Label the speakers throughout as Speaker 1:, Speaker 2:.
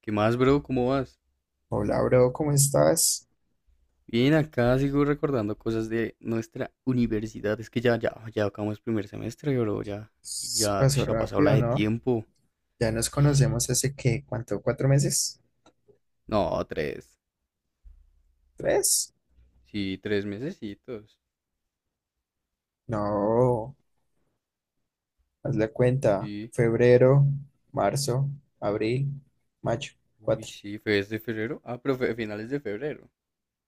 Speaker 1: ¿Qué más, bro? ¿Cómo vas?
Speaker 2: Hola, bro, ¿cómo estás?
Speaker 1: Bien, acá sigo recordando cosas de nuestra universidad. Es que ya acabamos primer semestre, bro. Ya, ya,
Speaker 2: Pasó
Speaker 1: ush, ha pasado la
Speaker 2: rápido,
Speaker 1: de
Speaker 2: ¿no?
Speaker 1: tiempo.
Speaker 2: ¿Ya nos conocemos hace qué? ¿Cuánto? ¿4 meses?
Speaker 1: No, tres.
Speaker 2: ¿Tres?
Speaker 1: Sí, tres mesecitos.
Speaker 2: No, haz la cuenta.
Speaker 1: Sí.
Speaker 2: Febrero, marzo, abril, mayo,
Speaker 1: Uy,
Speaker 2: cuatro.
Speaker 1: sí, fue desde febrero. Ah, pero fue finales de febrero.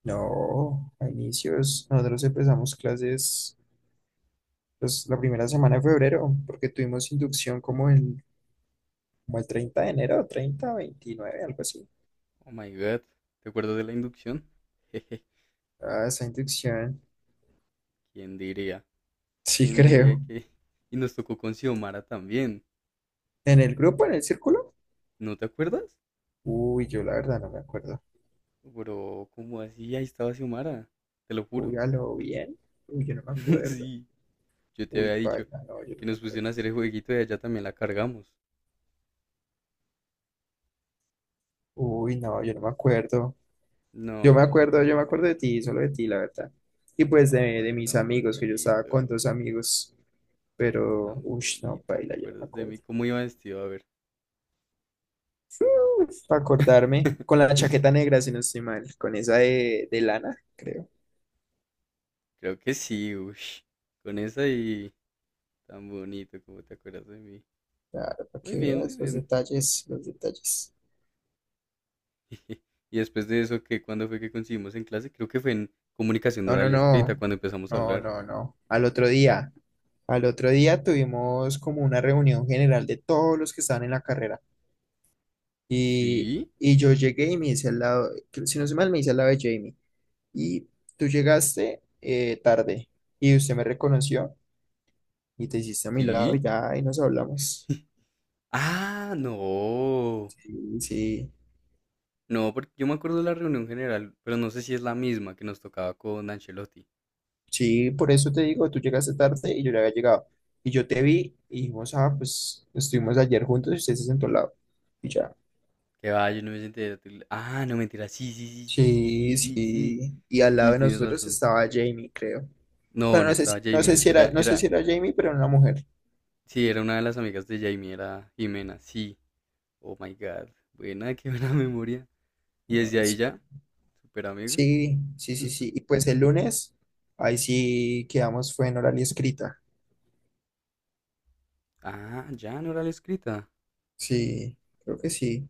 Speaker 2: No, a inicios. Nosotros empezamos clases, pues, la primera semana de febrero, porque tuvimos inducción como el 30 de enero, 30, 29 algo así.
Speaker 1: Oh my God. ¿Te acuerdas de la inducción? Jeje,
Speaker 2: Ah, esa inducción.
Speaker 1: ¿quién diría?
Speaker 2: Sí,
Speaker 1: ¿Quién diría
Speaker 2: creo.
Speaker 1: que...? Y nos tocó con Xiomara también.
Speaker 2: ¿En el grupo, en el círculo?
Speaker 1: ¿No te acuerdas?
Speaker 2: Uy, yo la verdad no me acuerdo.
Speaker 1: Bro, ¿cómo así? Ahí estaba Xiomara. Te lo
Speaker 2: Uy,
Speaker 1: juro.
Speaker 2: a lo bien. Uy, yo no me acuerdo.
Speaker 1: Sí. Yo te había
Speaker 2: Uy,
Speaker 1: dicho
Speaker 2: paila, no, yo
Speaker 1: que
Speaker 2: no me
Speaker 1: nos
Speaker 2: acuerdo.
Speaker 1: pusieron a hacer el jueguito y allá también la cargamos.
Speaker 2: Uy, no, yo no me acuerdo. Yo me
Speaker 1: No,
Speaker 2: acuerdo, yo me
Speaker 1: pero,
Speaker 2: acuerdo de ti, solo de ti, la verdad. Y pues
Speaker 1: ay,
Speaker 2: de mis
Speaker 1: tan
Speaker 2: amigos, que yo estaba
Speaker 1: bonito,
Speaker 2: con dos amigos, pero,
Speaker 1: tan
Speaker 2: uy, no,
Speaker 1: bonito, ¿te
Speaker 2: paila, yo no me
Speaker 1: acuerdas de mí?
Speaker 2: acuerdo.
Speaker 1: ¿Cómo iba vestido? A ver.
Speaker 2: Para acordarme, con la chaqueta negra, si no estoy mal, con esa de lana, creo.
Speaker 1: Creo que sí, ush. Con esa y tan bonito, ¿cómo te acuerdas de mí?
Speaker 2: Claro, para
Speaker 1: Muy
Speaker 2: que
Speaker 1: bien, muy
Speaker 2: veas los
Speaker 1: bien.
Speaker 2: detalles, los detalles.
Speaker 1: Y después de eso, ¿qué? ¿Cuándo fue que coincidimos en clase? Creo que fue en comunicación
Speaker 2: No, no,
Speaker 1: oral y escrita
Speaker 2: no,
Speaker 1: cuando empezamos a
Speaker 2: no,
Speaker 1: hablar.
Speaker 2: no, no. Al otro día tuvimos como una reunión general de todos los que estaban en la carrera. Y,
Speaker 1: ¿Sí?
Speaker 2: y yo llegué y me hice al lado, si no se mal, me hice al lado de Jamie. Y tú llegaste tarde y usted me reconoció y te hiciste a mi lado y
Speaker 1: ¿Sí?
Speaker 2: ya, y nos hablamos.
Speaker 1: Ah, no.
Speaker 2: Sí, sí,
Speaker 1: No, porque yo me acuerdo de la reunión general, pero no sé si es la misma que nos tocaba con Ancelotti.
Speaker 2: sí, por eso te digo, tú llegaste tarde y yo ya había llegado. Y yo te vi y dijimos, ah, pues estuvimos ayer juntos y usted se sentó al lado. Y ya.
Speaker 1: Que va, yo no me senté. Ah, no, mentira. Sí, sí, sí, sí, sí, sí,
Speaker 2: Sí,
Speaker 1: sí, sí.
Speaker 2: sí. Y al lado
Speaker 1: Sí,
Speaker 2: de
Speaker 1: tienes
Speaker 2: nosotros
Speaker 1: razón.
Speaker 2: estaba Jamie, creo.
Speaker 1: No,
Speaker 2: Pero
Speaker 1: no
Speaker 2: no sé
Speaker 1: estaba
Speaker 2: si, no sé
Speaker 1: Jamie.
Speaker 2: si era, no sé si era Jamie, pero era una mujer.
Speaker 1: Sí, era una de las amigas de Jamie, era Jimena. Sí. Oh my God. Buena, qué buena memoria. Y desde
Speaker 2: Ah,
Speaker 1: ahí ya, super amigos.
Speaker 2: sí, sí, sí, sí, sí. Y pues el lunes, ahí sí quedamos, fue en oral y escrita.
Speaker 1: Ah, ya, no era la escrita.
Speaker 2: Sí, creo que sí.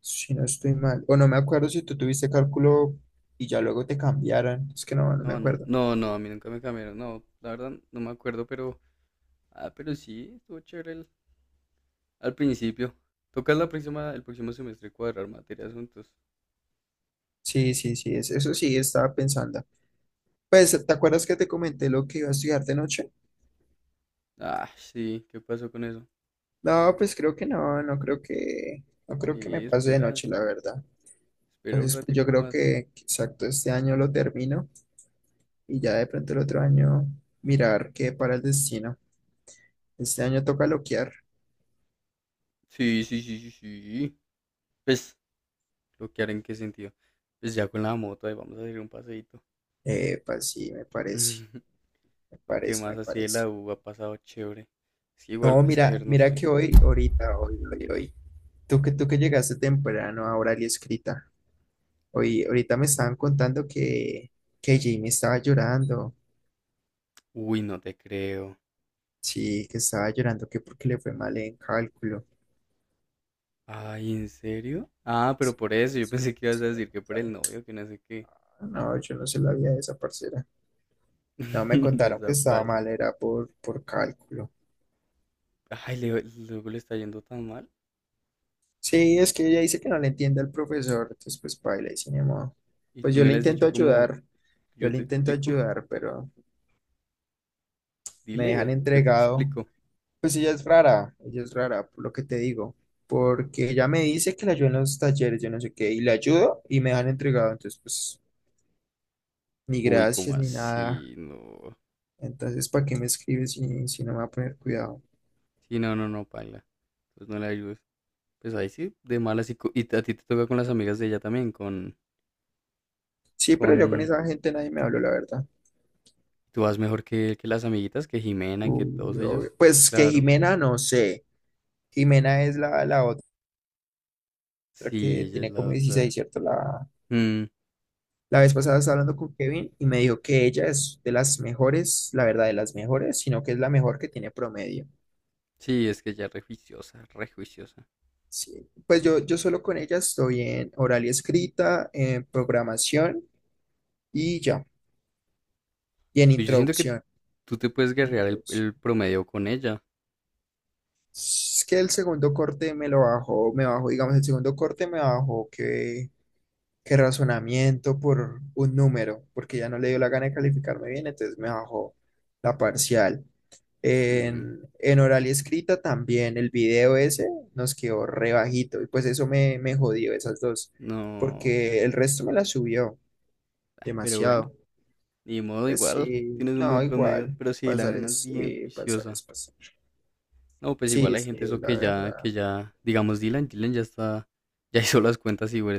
Speaker 2: Si no estoy mal. O no me acuerdo si tú tuviste cálculo y ya luego te cambiaron. Es que no me
Speaker 1: No,
Speaker 2: acuerdo.
Speaker 1: no, no, a mí nunca me cambiaron. No, la verdad, no me acuerdo, pero. Ah, pero sí, estuvo chévere al principio. Toca la próxima, el próximo semestre cuadrar materias juntos.
Speaker 2: Sí, sí, sí, eso sí estaba pensando. Pues, ¿te acuerdas que te comenté lo que iba a estudiar de noche?
Speaker 1: Ah, sí, ¿qué pasó con eso?
Speaker 2: No, pues creo que no, no creo que, no creo que me
Speaker 1: Sí,
Speaker 2: pase de
Speaker 1: espera,
Speaker 2: noche, la verdad.
Speaker 1: espera un
Speaker 2: Entonces, pues yo
Speaker 1: ratico
Speaker 2: creo
Speaker 1: más.
Speaker 2: que exacto este año lo termino, y ya de pronto el otro año mirar qué para el destino. Este año toca loquear.
Speaker 1: Sí, sí, sí, sí, sí. Pues, bloquear en qué sentido. Pues ya con la moto, ahí vamos a hacer un paseíto.
Speaker 2: Pues sí, me parece, me
Speaker 1: O, ¿qué
Speaker 2: parece,
Speaker 1: más
Speaker 2: me
Speaker 1: así de
Speaker 2: parece.
Speaker 1: la U ha pasado chévere? Es que igual,
Speaker 2: No,
Speaker 1: es que a
Speaker 2: mira,
Speaker 1: ver, no
Speaker 2: mira
Speaker 1: sé.
Speaker 2: que hoy, ahorita, hoy, hoy, hoy, tú que llegaste temprano a Oral y Escrita, hoy, ahorita me estaban contando que Jimmy estaba llorando,
Speaker 1: Uy, no te creo.
Speaker 2: sí, que estaba llorando, que porque le fue mal en cálculo.
Speaker 1: Ay, ¿en serio? Ah, pero
Speaker 2: Sí,
Speaker 1: por eso, yo
Speaker 2: eso,
Speaker 1: pensé que ibas a
Speaker 2: eso me
Speaker 1: decir que por el
Speaker 2: contaron.
Speaker 1: novio, que no sé qué.
Speaker 2: Ah, no, yo no se la había de esa parcera. No, me contaron que estaba
Speaker 1: Desaparece.
Speaker 2: mal, era por cálculo.
Speaker 1: Ay, Leo, luego le está yendo tan mal.
Speaker 2: Sí, es que ella dice que no le entiende al profesor, entonces pues paila y sin ni modo.
Speaker 1: Y
Speaker 2: Pues
Speaker 1: tú
Speaker 2: yo
Speaker 1: no
Speaker 2: le
Speaker 1: le has
Speaker 2: intento
Speaker 1: dicho como,
Speaker 2: ayudar, yo
Speaker 1: yo
Speaker 2: le
Speaker 1: te
Speaker 2: intento
Speaker 1: explico.
Speaker 2: ayudar, pero me dejan
Speaker 1: Dile, yo te
Speaker 2: entregado.
Speaker 1: explico.
Speaker 2: Pues ella es rara, por lo que te digo, porque ella me dice que la ayuda en los talleres, yo no sé qué, y la ayudo y me dejan entregado, entonces pues ni
Speaker 1: Uy, ¿cómo
Speaker 2: gracias ni nada.
Speaker 1: así? No.
Speaker 2: Entonces, ¿para qué me escribes si no me va a poner cuidado?
Speaker 1: Sí, no, no, no, paila. Pues no le ayudes. Pues ahí sí, de malas. Y a ti te toca con las amigas de ella también,
Speaker 2: Sí, pero yo con
Speaker 1: con...
Speaker 2: esa gente nadie me habló, la verdad.
Speaker 1: tú vas mejor que las amiguitas, que Jimena, que todos
Speaker 2: Uy, obvio.
Speaker 1: ellos.
Speaker 2: Pues que
Speaker 1: Claro.
Speaker 2: Jimena, no sé. Jimena es la otra
Speaker 1: Sí,
Speaker 2: que
Speaker 1: ella es
Speaker 2: tiene
Speaker 1: la
Speaker 2: como
Speaker 1: otra.
Speaker 2: 16, ¿cierto?
Speaker 1: Mm,
Speaker 2: La vez pasada estaba hablando con Kevin y me dijo que ella es de las mejores, la verdad, de las mejores, sino que es la mejor que tiene promedio.
Speaker 1: sí, es que ella es re juiciosa, re juiciosa.
Speaker 2: Sí. Pues yo solo con ella estoy en oral y escrita, en programación y ya. Y en
Speaker 1: Y yo siento que
Speaker 2: introducción.
Speaker 1: tú te puedes
Speaker 2: En
Speaker 1: guerrear el,
Speaker 2: introducción.
Speaker 1: el promedio con ella.
Speaker 2: Es que el segundo corte me lo bajó, me bajó, digamos, el segundo corte me bajó que razonamiento por un número, porque ya no le dio la gana de calificarme bien, entonces me bajó la parcial.
Speaker 1: Mm,
Speaker 2: En oral y escrita también el video ese nos quedó re bajito, y pues eso me jodió esas dos,
Speaker 1: no,
Speaker 2: porque el resto me la subió
Speaker 1: pero bueno,
Speaker 2: demasiado.
Speaker 1: ni modo
Speaker 2: Pues
Speaker 1: igual,
Speaker 2: sí,
Speaker 1: tienes un buen
Speaker 2: no,
Speaker 1: promedio,
Speaker 2: igual,
Speaker 1: pero sí, la
Speaker 2: pasar
Speaker 1: nena es
Speaker 2: es
Speaker 1: bien
Speaker 2: pasar
Speaker 1: juiciosa.
Speaker 2: es pasar.
Speaker 1: No, pues igual
Speaker 2: Sí,
Speaker 1: hay
Speaker 2: sí,
Speaker 1: gente eso
Speaker 2: la verdad.
Speaker 1: que ya, digamos Dylan ya está, ya hizo las cuentas y güey,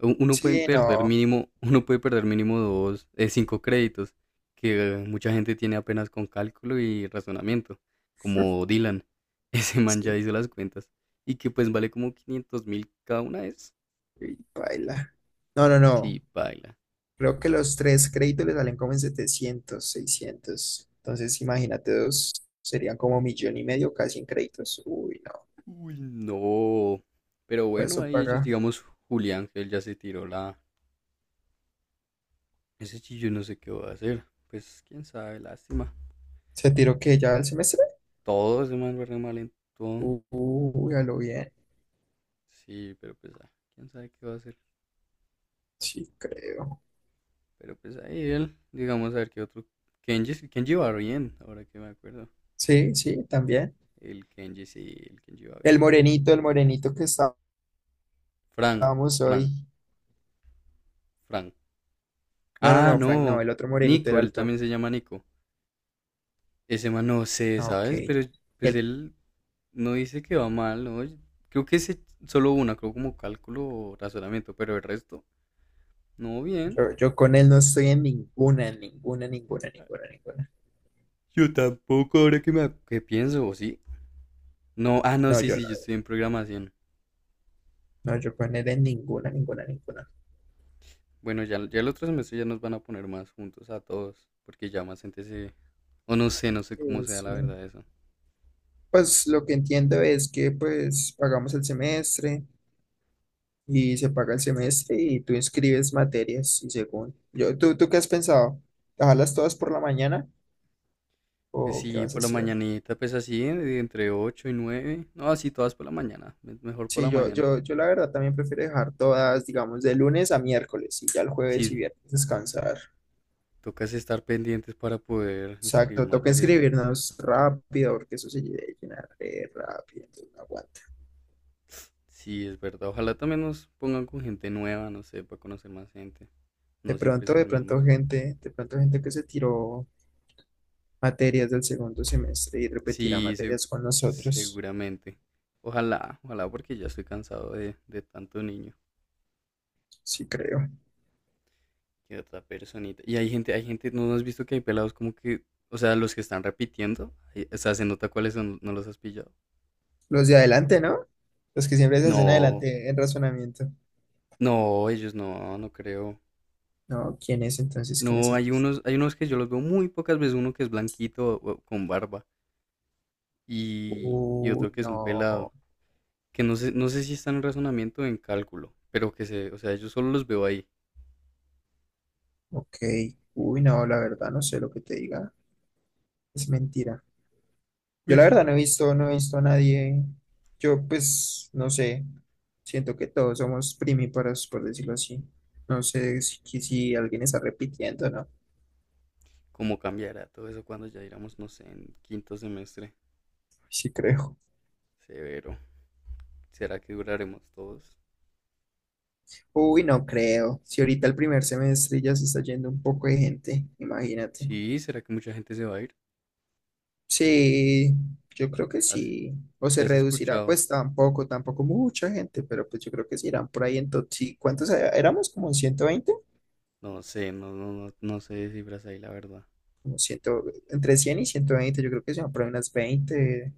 Speaker 1: uno puede
Speaker 2: Sí,
Speaker 1: perder
Speaker 2: no,
Speaker 1: mínimo, uno puede perder mínimo dos, 5 créditos, que mucha gente tiene apenas con cálculo y razonamiento, como Dylan, ese man ya
Speaker 2: sí,
Speaker 1: hizo las cuentas, y que pues vale como 500.000 cada una es,
Speaker 2: y baila. No, no, no.
Speaker 1: sí, baila.
Speaker 2: Creo que los tres créditos le salen como en 700, 600. Entonces, imagínate dos, serían como millón y medio casi en créditos. Uy, no,
Speaker 1: Uy, no. Pero
Speaker 2: pues
Speaker 1: bueno,
Speaker 2: eso
Speaker 1: ahí ellos,
Speaker 2: paga.
Speaker 1: digamos, Julián, que él ya se tiró la... Ese chillo no sé qué va a hacer. Pues quién sabe, lástima.
Speaker 2: ¿Se tiró que ya el semestre?
Speaker 1: Todo ese man va re mal en todo.
Speaker 2: Uy, a lo bien.
Speaker 1: Sí, pero pues ah, quién sabe qué va a hacer.
Speaker 2: Sí, creo.
Speaker 1: Pero pues ahí él, digamos, a ver qué otro... Kenji, Kenji va bien, ahora que me acuerdo.
Speaker 2: Sí, sí, también.
Speaker 1: El Kenji sí, el Kenji va bien.
Speaker 2: El morenito que
Speaker 1: Fran,
Speaker 2: estábamos
Speaker 1: Fran,
Speaker 2: hoy.
Speaker 1: Fran.
Speaker 2: No, no,
Speaker 1: Ah,
Speaker 2: no, Frank, no,
Speaker 1: no.
Speaker 2: el otro morenito, el
Speaker 1: Nico, él
Speaker 2: alto.
Speaker 1: también se llama Nico. Ese man no sé,
Speaker 2: Ah, ok.
Speaker 1: ¿sabes? Pero pues
Speaker 2: El-
Speaker 1: él no dice que va mal, ¿no? Creo que es solo una, creo como cálculo o razonamiento, pero el resto, no bien.
Speaker 2: yo con él no estoy en ninguna, ninguna, ninguna, ninguna.
Speaker 1: Yo tampoco, ahora que pienso, ¿o sí? No, ah, no,
Speaker 2: No,
Speaker 1: sí,
Speaker 2: yo,
Speaker 1: sí, yo
Speaker 2: la-
Speaker 1: estoy en programación.
Speaker 2: no, yo con él en ninguna, ninguna, ninguna.
Speaker 1: Bueno, ya el otro semestre ya nos van a poner más juntos a todos, porque ya más gente se... O no sé, no sé cómo sea
Speaker 2: Sí.
Speaker 1: la verdad eso.
Speaker 2: Pues lo que entiendo es que pues pagamos el semestre y se paga el semestre y tú inscribes materias y según yo, tú qué has pensado? ¿Dejarlas todas por la mañana
Speaker 1: Pues
Speaker 2: o qué
Speaker 1: sí,
Speaker 2: vas a
Speaker 1: por la
Speaker 2: hacer?
Speaker 1: mañanita, pues así, entre 8 y nueve. No, así todas por la mañana, mejor por la
Speaker 2: Sí,
Speaker 1: mañana.
Speaker 2: yo la verdad también prefiero dejar todas, digamos, de lunes a miércoles y ya el jueves y
Speaker 1: Sí,
Speaker 2: viernes descansar.
Speaker 1: tocas estar pendientes para poder inscribir
Speaker 2: Exacto, toca
Speaker 1: materias.
Speaker 2: inscribirnos rápido porque eso se llena re rápido, entonces no aguanta.
Speaker 1: Sí, es verdad. Ojalá también nos pongan con gente nueva, no sé, para conocer más gente. No siempre esos mismos.
Speaker 2: De pronto gente que se tiró materias del segundo semestre y repetirá
Speaker 1: Sí,
Speaker 2: materias con nosotros,
Speaker 1: seguramente. Ojalá, ojalá, porque ya estoy cansado de tanto niño
Speaker 2: sí creo.
Speaker 1: y de otra personita. Y no has visto que hay pelados como que, o sea, los que están repitiendo, o sea, se nota cuáles son, no los has pillado.
Speaker 2: Los de adelante, ¿no? Los que siempre se hacen
Speaker 1: No,
Speaker 2: adelante en razonamiento.
Speaker 1: no, ellos no, no creo.
Speaker 2: No, ¿quién es entonces? ¿Quién es?
Speaker 1: No, hay
Speaker 2: es-
Speaker 1: unos, hay unos que yo los veo muy pocas veces, uno que es blanquito o con barba y,
Speaker 2: Uy,
Speaker 1: otro que es un pelado.
Speaker 2: no,
Speaker 1: Que no sé, no sé si están en razonamiento o en cálculo, pero que se, o sea, yo solo los veo ahí.
Speaker 2: ok. Uy, no, la verdad no sé lo que te diga. Es mentira. Yo la
Speaker 1: Pues,
Speaker 2: verdad no he visto, no he visto a nadie. Yo pues no sé. Siento que todos somos primíparos, por decirlo así. No sé si alguien está repitiendo, ¿no?
Speaker 1: ¿cómo cambiará todo eso cuando ya iramos, no sé, en quinto semestre?
Speaker 2: Sí creo.
Speaker 1: Severo. ¿Será que duraremos todos?
Speaker 2: Uy, no creo. Si ahorita el primer semestre ya se está yendo un poco de gente, imagínate.
Speaker 1: Sí, ¿será que mucha gente se va a ir?
Speaker 2: Sí, yo creo que
Speaker 1: ¿Has-
Speaker 2: sí. O
Speaker 1: ¿Qué
Speaker 2: se
Speaker 1: has
Speaker 2: reducirá,
Speaker 1: escuchado?
Speaker 2: pues tampoco, tampoco mucha gente, pero pues yo creo que sí irán por ahí sí, ¿cuántos éramos? ¿Como 120?
Speaker 1: No sé, no, no, no, no sé de cifras ahí, la verdad.
Speaker 2: Como 100, entre 100 y 120, yo creo que se van por ahí unas 20,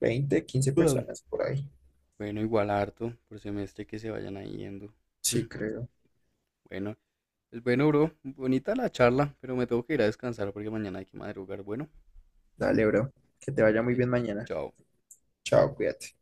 Speaker 2: 20, 15
Speaker 1: Ujú.
Speaker 2: personas por ahí.
Speaker 1: Bueno, igual harto por semestre que se vayan ahí yendo. Mm,
Speaker 2: Sí, creo.
Speaker 1: bueno, pues bueno, bro, bonita la charla, pero me tengo que ir a descansar porque mañana hay que madrugar. Bueno,
Speaker 2: Dale, bro. Que te vaya muy
Speaker 1: dale,
Speaker 2: bien mañana.
Speaker 1: chao.
Speaker 2: Chao, cuídate.